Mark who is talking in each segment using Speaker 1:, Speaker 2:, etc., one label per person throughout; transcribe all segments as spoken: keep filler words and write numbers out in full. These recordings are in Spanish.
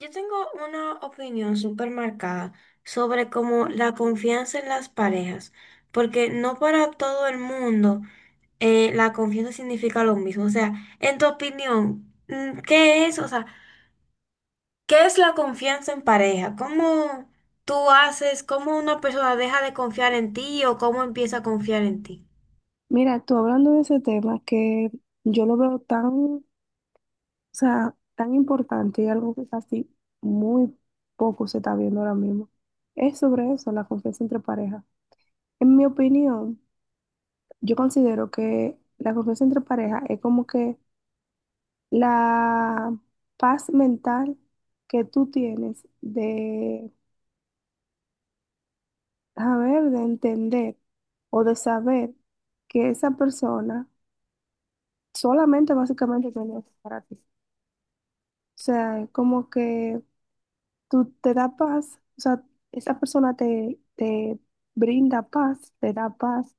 Speaker 1: Yo tengo una opinión súper marcada sobre cómo la confianza en las parejas, porque no para todo el mundo eh, la confianza significa lo mismo. O sea, en tu opinión, mm, ¿qué es? O sea, ¿qué es la confianza en pareja? ¿Cómo tú haces, cómo una persona deja de confiar en ti o cómo empieza a confiar en ti?
Speaker 2: Mira, tú hablando de ese tema que yo lo veo tan, o sea, tan importante y algo que casi muy poco se está viendo ahora mismo, es sobre eso, la confianza entre parejas. En mi opinión, yo considero que la confianza entre parejas es como que la paz mental que tú tienes de saber, de entender o de saber que esa persona solamente básicamente tiene para ti. O sea, como que tú te da paz, o sea, esa persona te, te brinda paz, te da paz,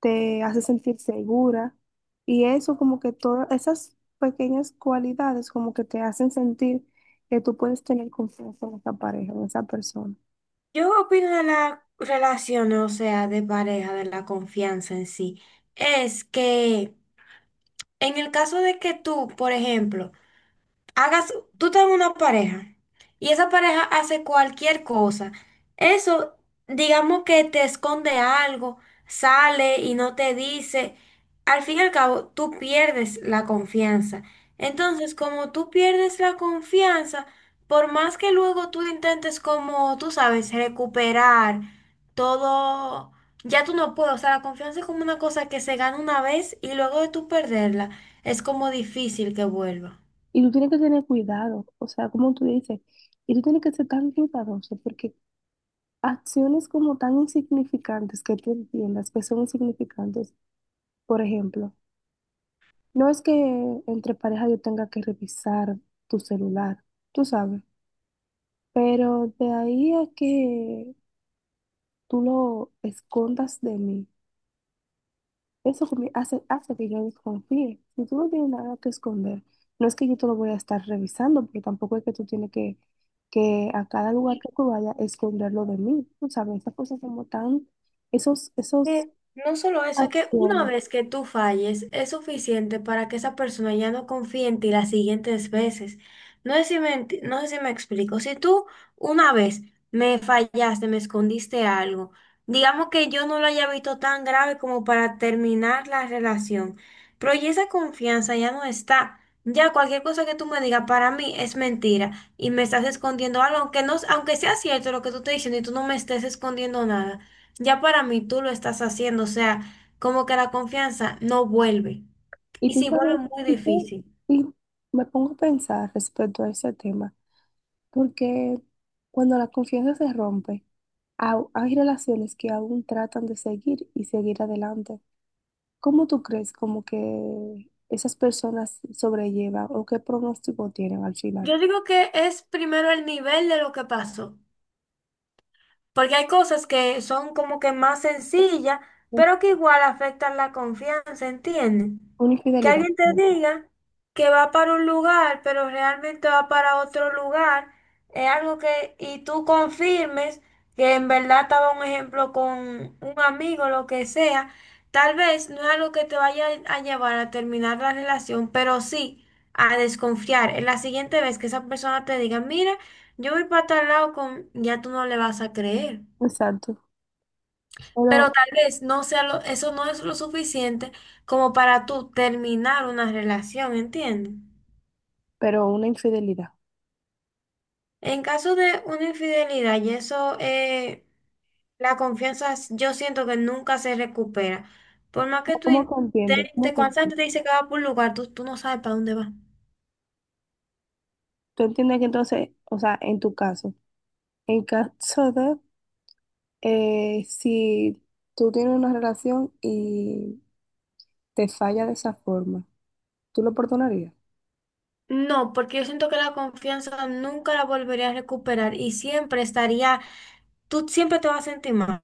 Speaker 2: te hace sentir segura. Y eso como que todas esas pequeñas cualidades como que te hacen sentir que tú puedes tener confianza en esa pareja, en esa persona.
Speaker 1: Yo opino de la relación, o sea, de pareja, de la confianza en sí, es que en el caso de que tú, por ejemplo, hagas, tú estás en una pareja y esa pareja hace cualquier cosa. Eso, digamos que te esconde algo, sale y no te dice. Al fin y al cabo, tú pierdes la confianza. Entonces, como tú pierdes la confianza, por más que luego tú intentes como, tú sabes, recuperar todo, ya tú no puedes. O sea, la confianza es como una cosa que se gana una vez y luego de tú perderla, es como difícil que vuelva.
Speaker 2: Y tú tienes que tener cuidado, o sea, como tú dices, y tú tienes que ser tan cuidadoso porque acciones como tan insignificantes que tú entiendas que son insignificantes, por ejemplo. No es que entre pareja yo tenga que revisar tu celular, tú sabes, pero de ahí a que tú lo escondas de mí, eso conmi- hace, hace que yo desconfíe. Si tú no tienes nada que esconder, no es que yo te lo voy a estar revisando, pero tampoco es que tú tienes que, que a cada lugar que tú vayas esconderlo de mí, tú sabes, esas cosas como tan, esos, esos
Speaker 1: Que no solo eso, es que una
Speaker 2: acciones.
Speaker 1: vez que tú falles es suficiente para que esa persona ya no confíe en ti las siguientes veces. No sé si me, enti- no sé si me explico. Si tú una vez me fallaste, me escondiste algo, digamos que yo no lo haya visto tan grave como para terminar la relación, pero ya esa confianza ya no está. Ya cualquier cosa que tú me digas para mí es mentira y me estás escondiendo algo, aunque no, aunque sea cierto lo que tú estás diciendo y tú no me estés escondiendo nada. Ya para mí tú lo estás haciendo, o sea, como que la confianza no vuelve.
Speaker 2: Y
Speaker 1: Y
Speaker 2: tú
Speaker 1: si vuelve,
Speaker 2: sabes,
Speaker 1: muy
Speaker 2: y, tú-
Speaker 1: difícil.
Speaker 2: y me pongo a pensar respecto a ese tema. Porque cuando la confianza se rompe, au- hay relaciones que aún tratan de seguir y seguir adelante. ¿Cómo tú crees como que esas personas sobrellevan o qué pronóstico tienen al final?
Speaker 1: Yo digo que es primero el nivel de lo que pasó. Porque hay cosas que son como que más sencillas,
Speaker 2: Un-
Speaker 1: pero que igual afectan la confianza, ¿entiendes?
Speaker 2: Una
Speaker 1: Que
Speaker 2: infidelidad,
Speaker 1: alguien
Speaker 2: por
Speaker 1: te
Speaker 2: ejemplo.
Speaker 1: diga que va para un lugar, pero realmente va para otro lugar, es algo que, y tú confirmes que en verdad estaba un ejemplo con un amigo, lo que sea, tal vez no es algo que te vaya a llevar a terminar la relación, pero sí a desconfiar. En la siguiente vez que esa persona te diga, mira, yo voy para tal lado con, ya tú no le vas a creer.
Speaker 2: Exacto. Pero,
Speaker 1: Pero tal vez no sea lo, eso no es lo suficiente como para tú terminar una relación, ¿entiendes?
Speaker 2: pero una infidelidad.
Speaker 1: En caso de una infidelidad, y eso, eh, la confianza s- yo siento que nunca se recupera. Por más que tú
Speaker 2: ¿Cómo te entiendes? ¿Cómo
Speaker 1: intentes,
Speaker 2: te
Speaker 1: cuando esa
Speaker 2: entiendes?
Speaker 1: te dice que va por un lugar, tú, tú no sabes para dónde va.
Speaker 2: Tú entiendes que entonces, o sea, en tu caso, en caso de eh, si tú tienes una relación y te falla de esa forma. ¿Tú lo perdonarías?
Speaker 1: No, porque yo siento que la confianza nunca la volvería a recuperar y siempre estaría, tú siempre te vas a sentir mal.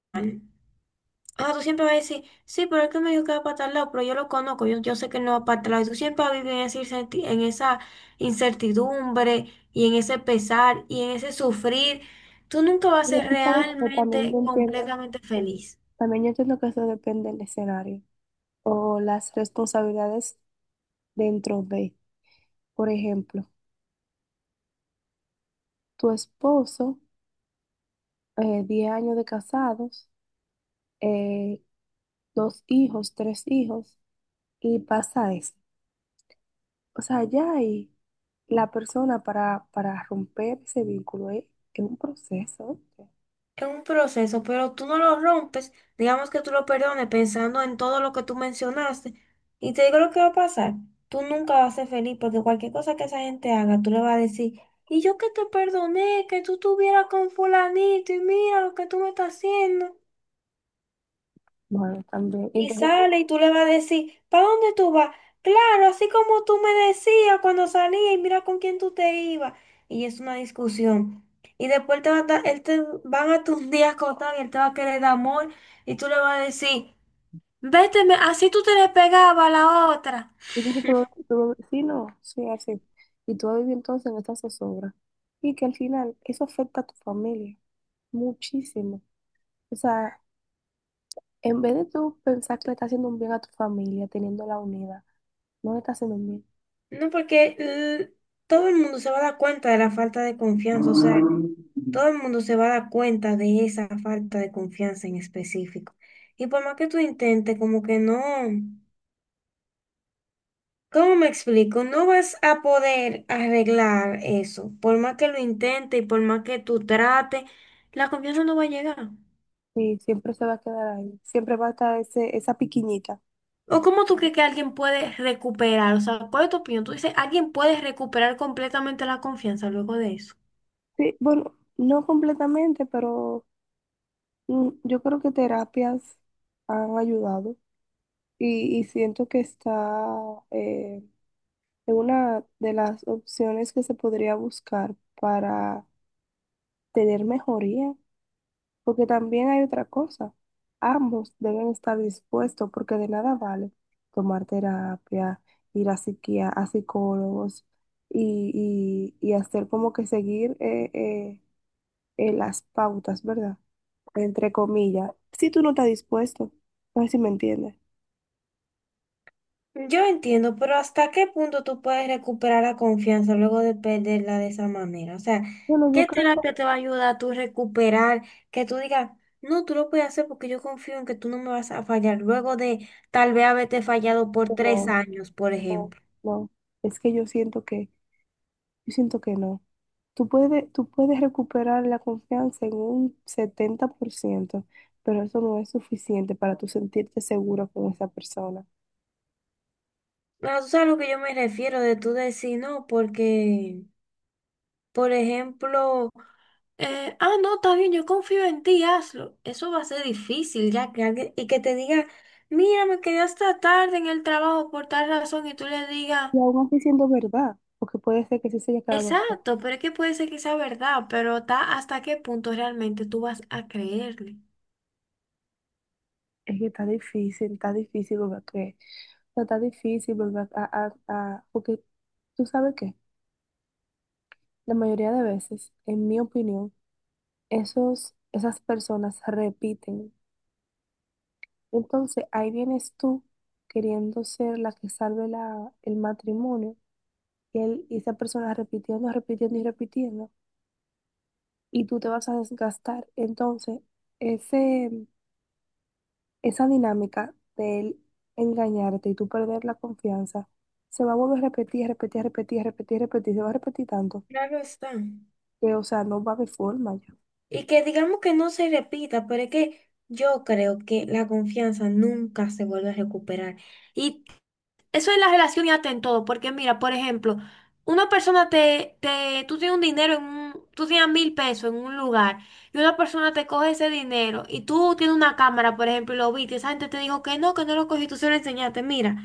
Speaker 1: Ah, tú siempre vas a decir, sí, pero es que me dijo que va para tal lado, pero yo lo conozco, yo, yo sé que no va para tal lado. Y tú siempre vas a vivir en esa incerti- en esa incertidumbre y en ese pesar y en ese sufrir. Tú nunca vas a
Speaker 2: Pero
Speaker 1: ser
Speaker 2: tú sabes que también
Speaker 1: realmente,
Speaker 2: yo entiendo,
Speaker 1: completamente feliz.
Speaker 2: también yo entiendo que eso depende del escenario o las responsabilidades dentro de, por ejemplo, tu esposo, eh, diez años de casados, eh, dos hijos, tres hijos, y pasa eso. O sea, ya ahí la persona para, para romper ese vínculo es, es un proceso. ¿Eh?
Speaker 1: Es un proceso, pero tú no lo rompes, digamos que tú lo perdones pensando en todo lo que tú mencionaste. Y te digo lo que va a pasar, tú nunca vas a ser feliz porque cualquier cosa que esa gente haga, tú le vas a decir, y yo que te perdoné, que tú estuvieras con fulanito y mira lo que tú me estás haciendo.
Speaker 2: Bueno, también.
Speaker 1: Y
Speaker 2: Entonces,
Speaker 1: sale y tú le vas a decir, ¿para dónde tú vas? Claro, así como tú me decías cuando salía y mira con quién tú te ibas. Y es una discusión. Y después te va a dar- él te, van a tus días contar y él te va a querer dar amor y tú le vas a decir, vete, me- así tú te le pegabas a la otra.
Speaker 2: y dice, tú, tú- sí, no, sí, así. Y tú vas a vivir entonces en esa zozobra. Y que al final eso afecta a tu familia muchísimo. O sea, en vez de tú pensar que le estás haciendo un bien a tu familia, teniéndola unida, no le estás haciendo un bien.
Speaker 1: No, porque l- todo el mundo se va a dar cuenta de la falta de confianza, o sea, todo el mundo se va a dar cuenta de esa falta de confianza en específico. Y por más que tú intentes, como que no. ¿Cómo me explico? No vas a poder arreglar eso. Por más que lo intentes y por más que tú trates, la confianza no va a llegar.
Speaker 2: Sí, siempre se va a quedar ahí. Siempre va a estar ese, esa piquiñita.
Speaker 1: ¿O cómo tú crees que alguien puede recuperar? O sea, ¿cuál es tu opinión? Tú dices, ¿alguien puede recuperar completamente la confianza luego de eso?
Speaker 2: Sí, bueno, no completamente, pero mm, yo creo que terapias han ayudado. Y, y siento que está, eh, es una de las opciones que se podría buscar para tener mejoría, porque también hay otra cosa. Ambos deben estar dispuestos porque de nada vale tomar terapia, ir a psiquia- a psicólogos y, y- y hacer como que seguir eh, eh, eh, las pautas, ¿verdad? Entre comillas. Si tú no estás dispuesto, no sé si me entiendes.
Speaker 1: Yo entiendo, pero ¿hasta qué punto tú puedes recuperar la confianza luego de perderla de esa manera? O sea,
Speaker 2: Bueno, yo
Speaker 1: ¿qué
Speaker 2: creo que
Speaker 1: terapia te va a ayudar a tú recuperar? Que tú digas, no, tú lo puedes hacer porque yo confío en que tú no me vas a fallar luego de tal vez haberte fallado por tres
Speaker 2: no,
Speaker 1: años, por
Speaker 2: no,
Speaker 1: ejemplo.
Speaker 2: no. Es que yo siento que, yo siento que no. Tú puedes, tú puedes recuperar la confianza en un setenta por ciento, pero eso no es suficiente para tú sentirte seguro con esa persona.
Speaker 1: Pero tú sabes a lo que yo me refiero de tú decir no, porque, por ejemplo, eh, ah, no, está bien, yo confío en ti, hazlo. Eso va a ser difícil, ya que alguien, y que te diga, mira, me quedé hasta tarde en el trabajo por tal razón, y tú le digas,
Speaker 2: Y aún así siendo verdad, porque puede ser que sí se haya quedado. "Jo,
Speaker 1: exacto, pero es que puede ser que sea verdad, pero está hasta qué punto realmente tú vas a creerle.
Speaker 2: es que está difícil, está difícil volver a creer. O sea, está difícil volver a, a, a- porque tú sabes que la mayoría de veces, en mi opinión, esos, esas personas repiten. Entonces ahí vienes tú queriendo ser la que salve la, el matrimonio que él- y esa persona repitiendo, repitiendo y repitiendo, y tú te vas a desgastar. Entonces, ese, esa dinámica de él engañarte y tú perder la confianza, se va a volver a repetir, repetir, repetir, repetir, repetir, se va a repetir tanto
Speaker 1: Claro está.
Speaker 2: que, o sea, no va a haber forma ya.
Speaker 1: Y que digamos que no se repita, pero es que yo creo que la confianza nunca se vuelve a recuperar. Y eso en la relación y hasta en todo, porque mira, por ejemplo, una persona te, te, tú tienes un dinero en un, tú tienes mil pesos en un lugar y una persona te coge ese dinero y tú tienes una cámara, por ejemplo, y lo viste, y esa gente te dijo que no, que no lo cogí, tú se lo enseñaste, mira,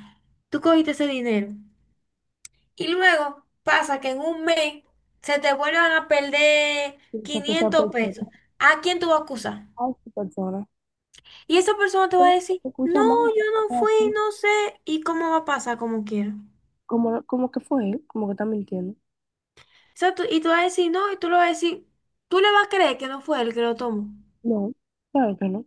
Speaker 1: tú cogiste ese dinero. Y luego pasa que en un mes se te vuelvan a perder
Speaker 2: O que esa
Speaker 1: quinientos
Speaker 2: persona,
Speaker 1: pesos. ¿A quién tú vas a acusar?
Speaker 2: a esa persona,
Speaker 1: Y esa persona te va a
Speaker 2: pero
Speaker 1: decir,
Speaker 2: se escucha
Speaker 1: no,
Speaker 2: mal,
Speaker 1: yo
Speaker 2: es
Speaker 1: no fui,
Speaker 2: así,
Speaker 1: no sé, y cómo va a pasar como quiera.
Speaker 2: como, como que fue él, como que está mintiendo.
Speaker 1: O sea, tú- y tú vas a decir no, y tú lo vas a decir, tú le vas a creer que no fue él que lo tomó.
Speaker 2: No, claro que no.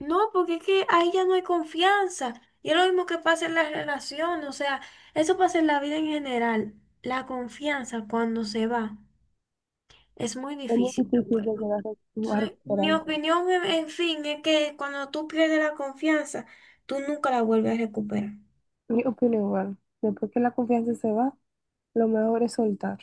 Speaker 1: No, porque es que ahí ya no hay confianza. Y es lo mismo que pasa en la relación, o sea, eso pasa en la vida en general. La confianza cuando se va es muy
Speaker 2: Es muy
Speaker 1: difícil que
Speaker 2: difícil de
Speaker 1: vuelva.
Speaker 2: llegar a
Speaker 1: Entonces, mi
Speaker 2: recuperarlo.
Speaker 1: opinión, en en fin, es que cuando tú pierdes la confianza, tú nunca la vuelves a recuperar.
Speaker 2: Yo opino igual. Después que la confianza se va, lo mejor es soltar.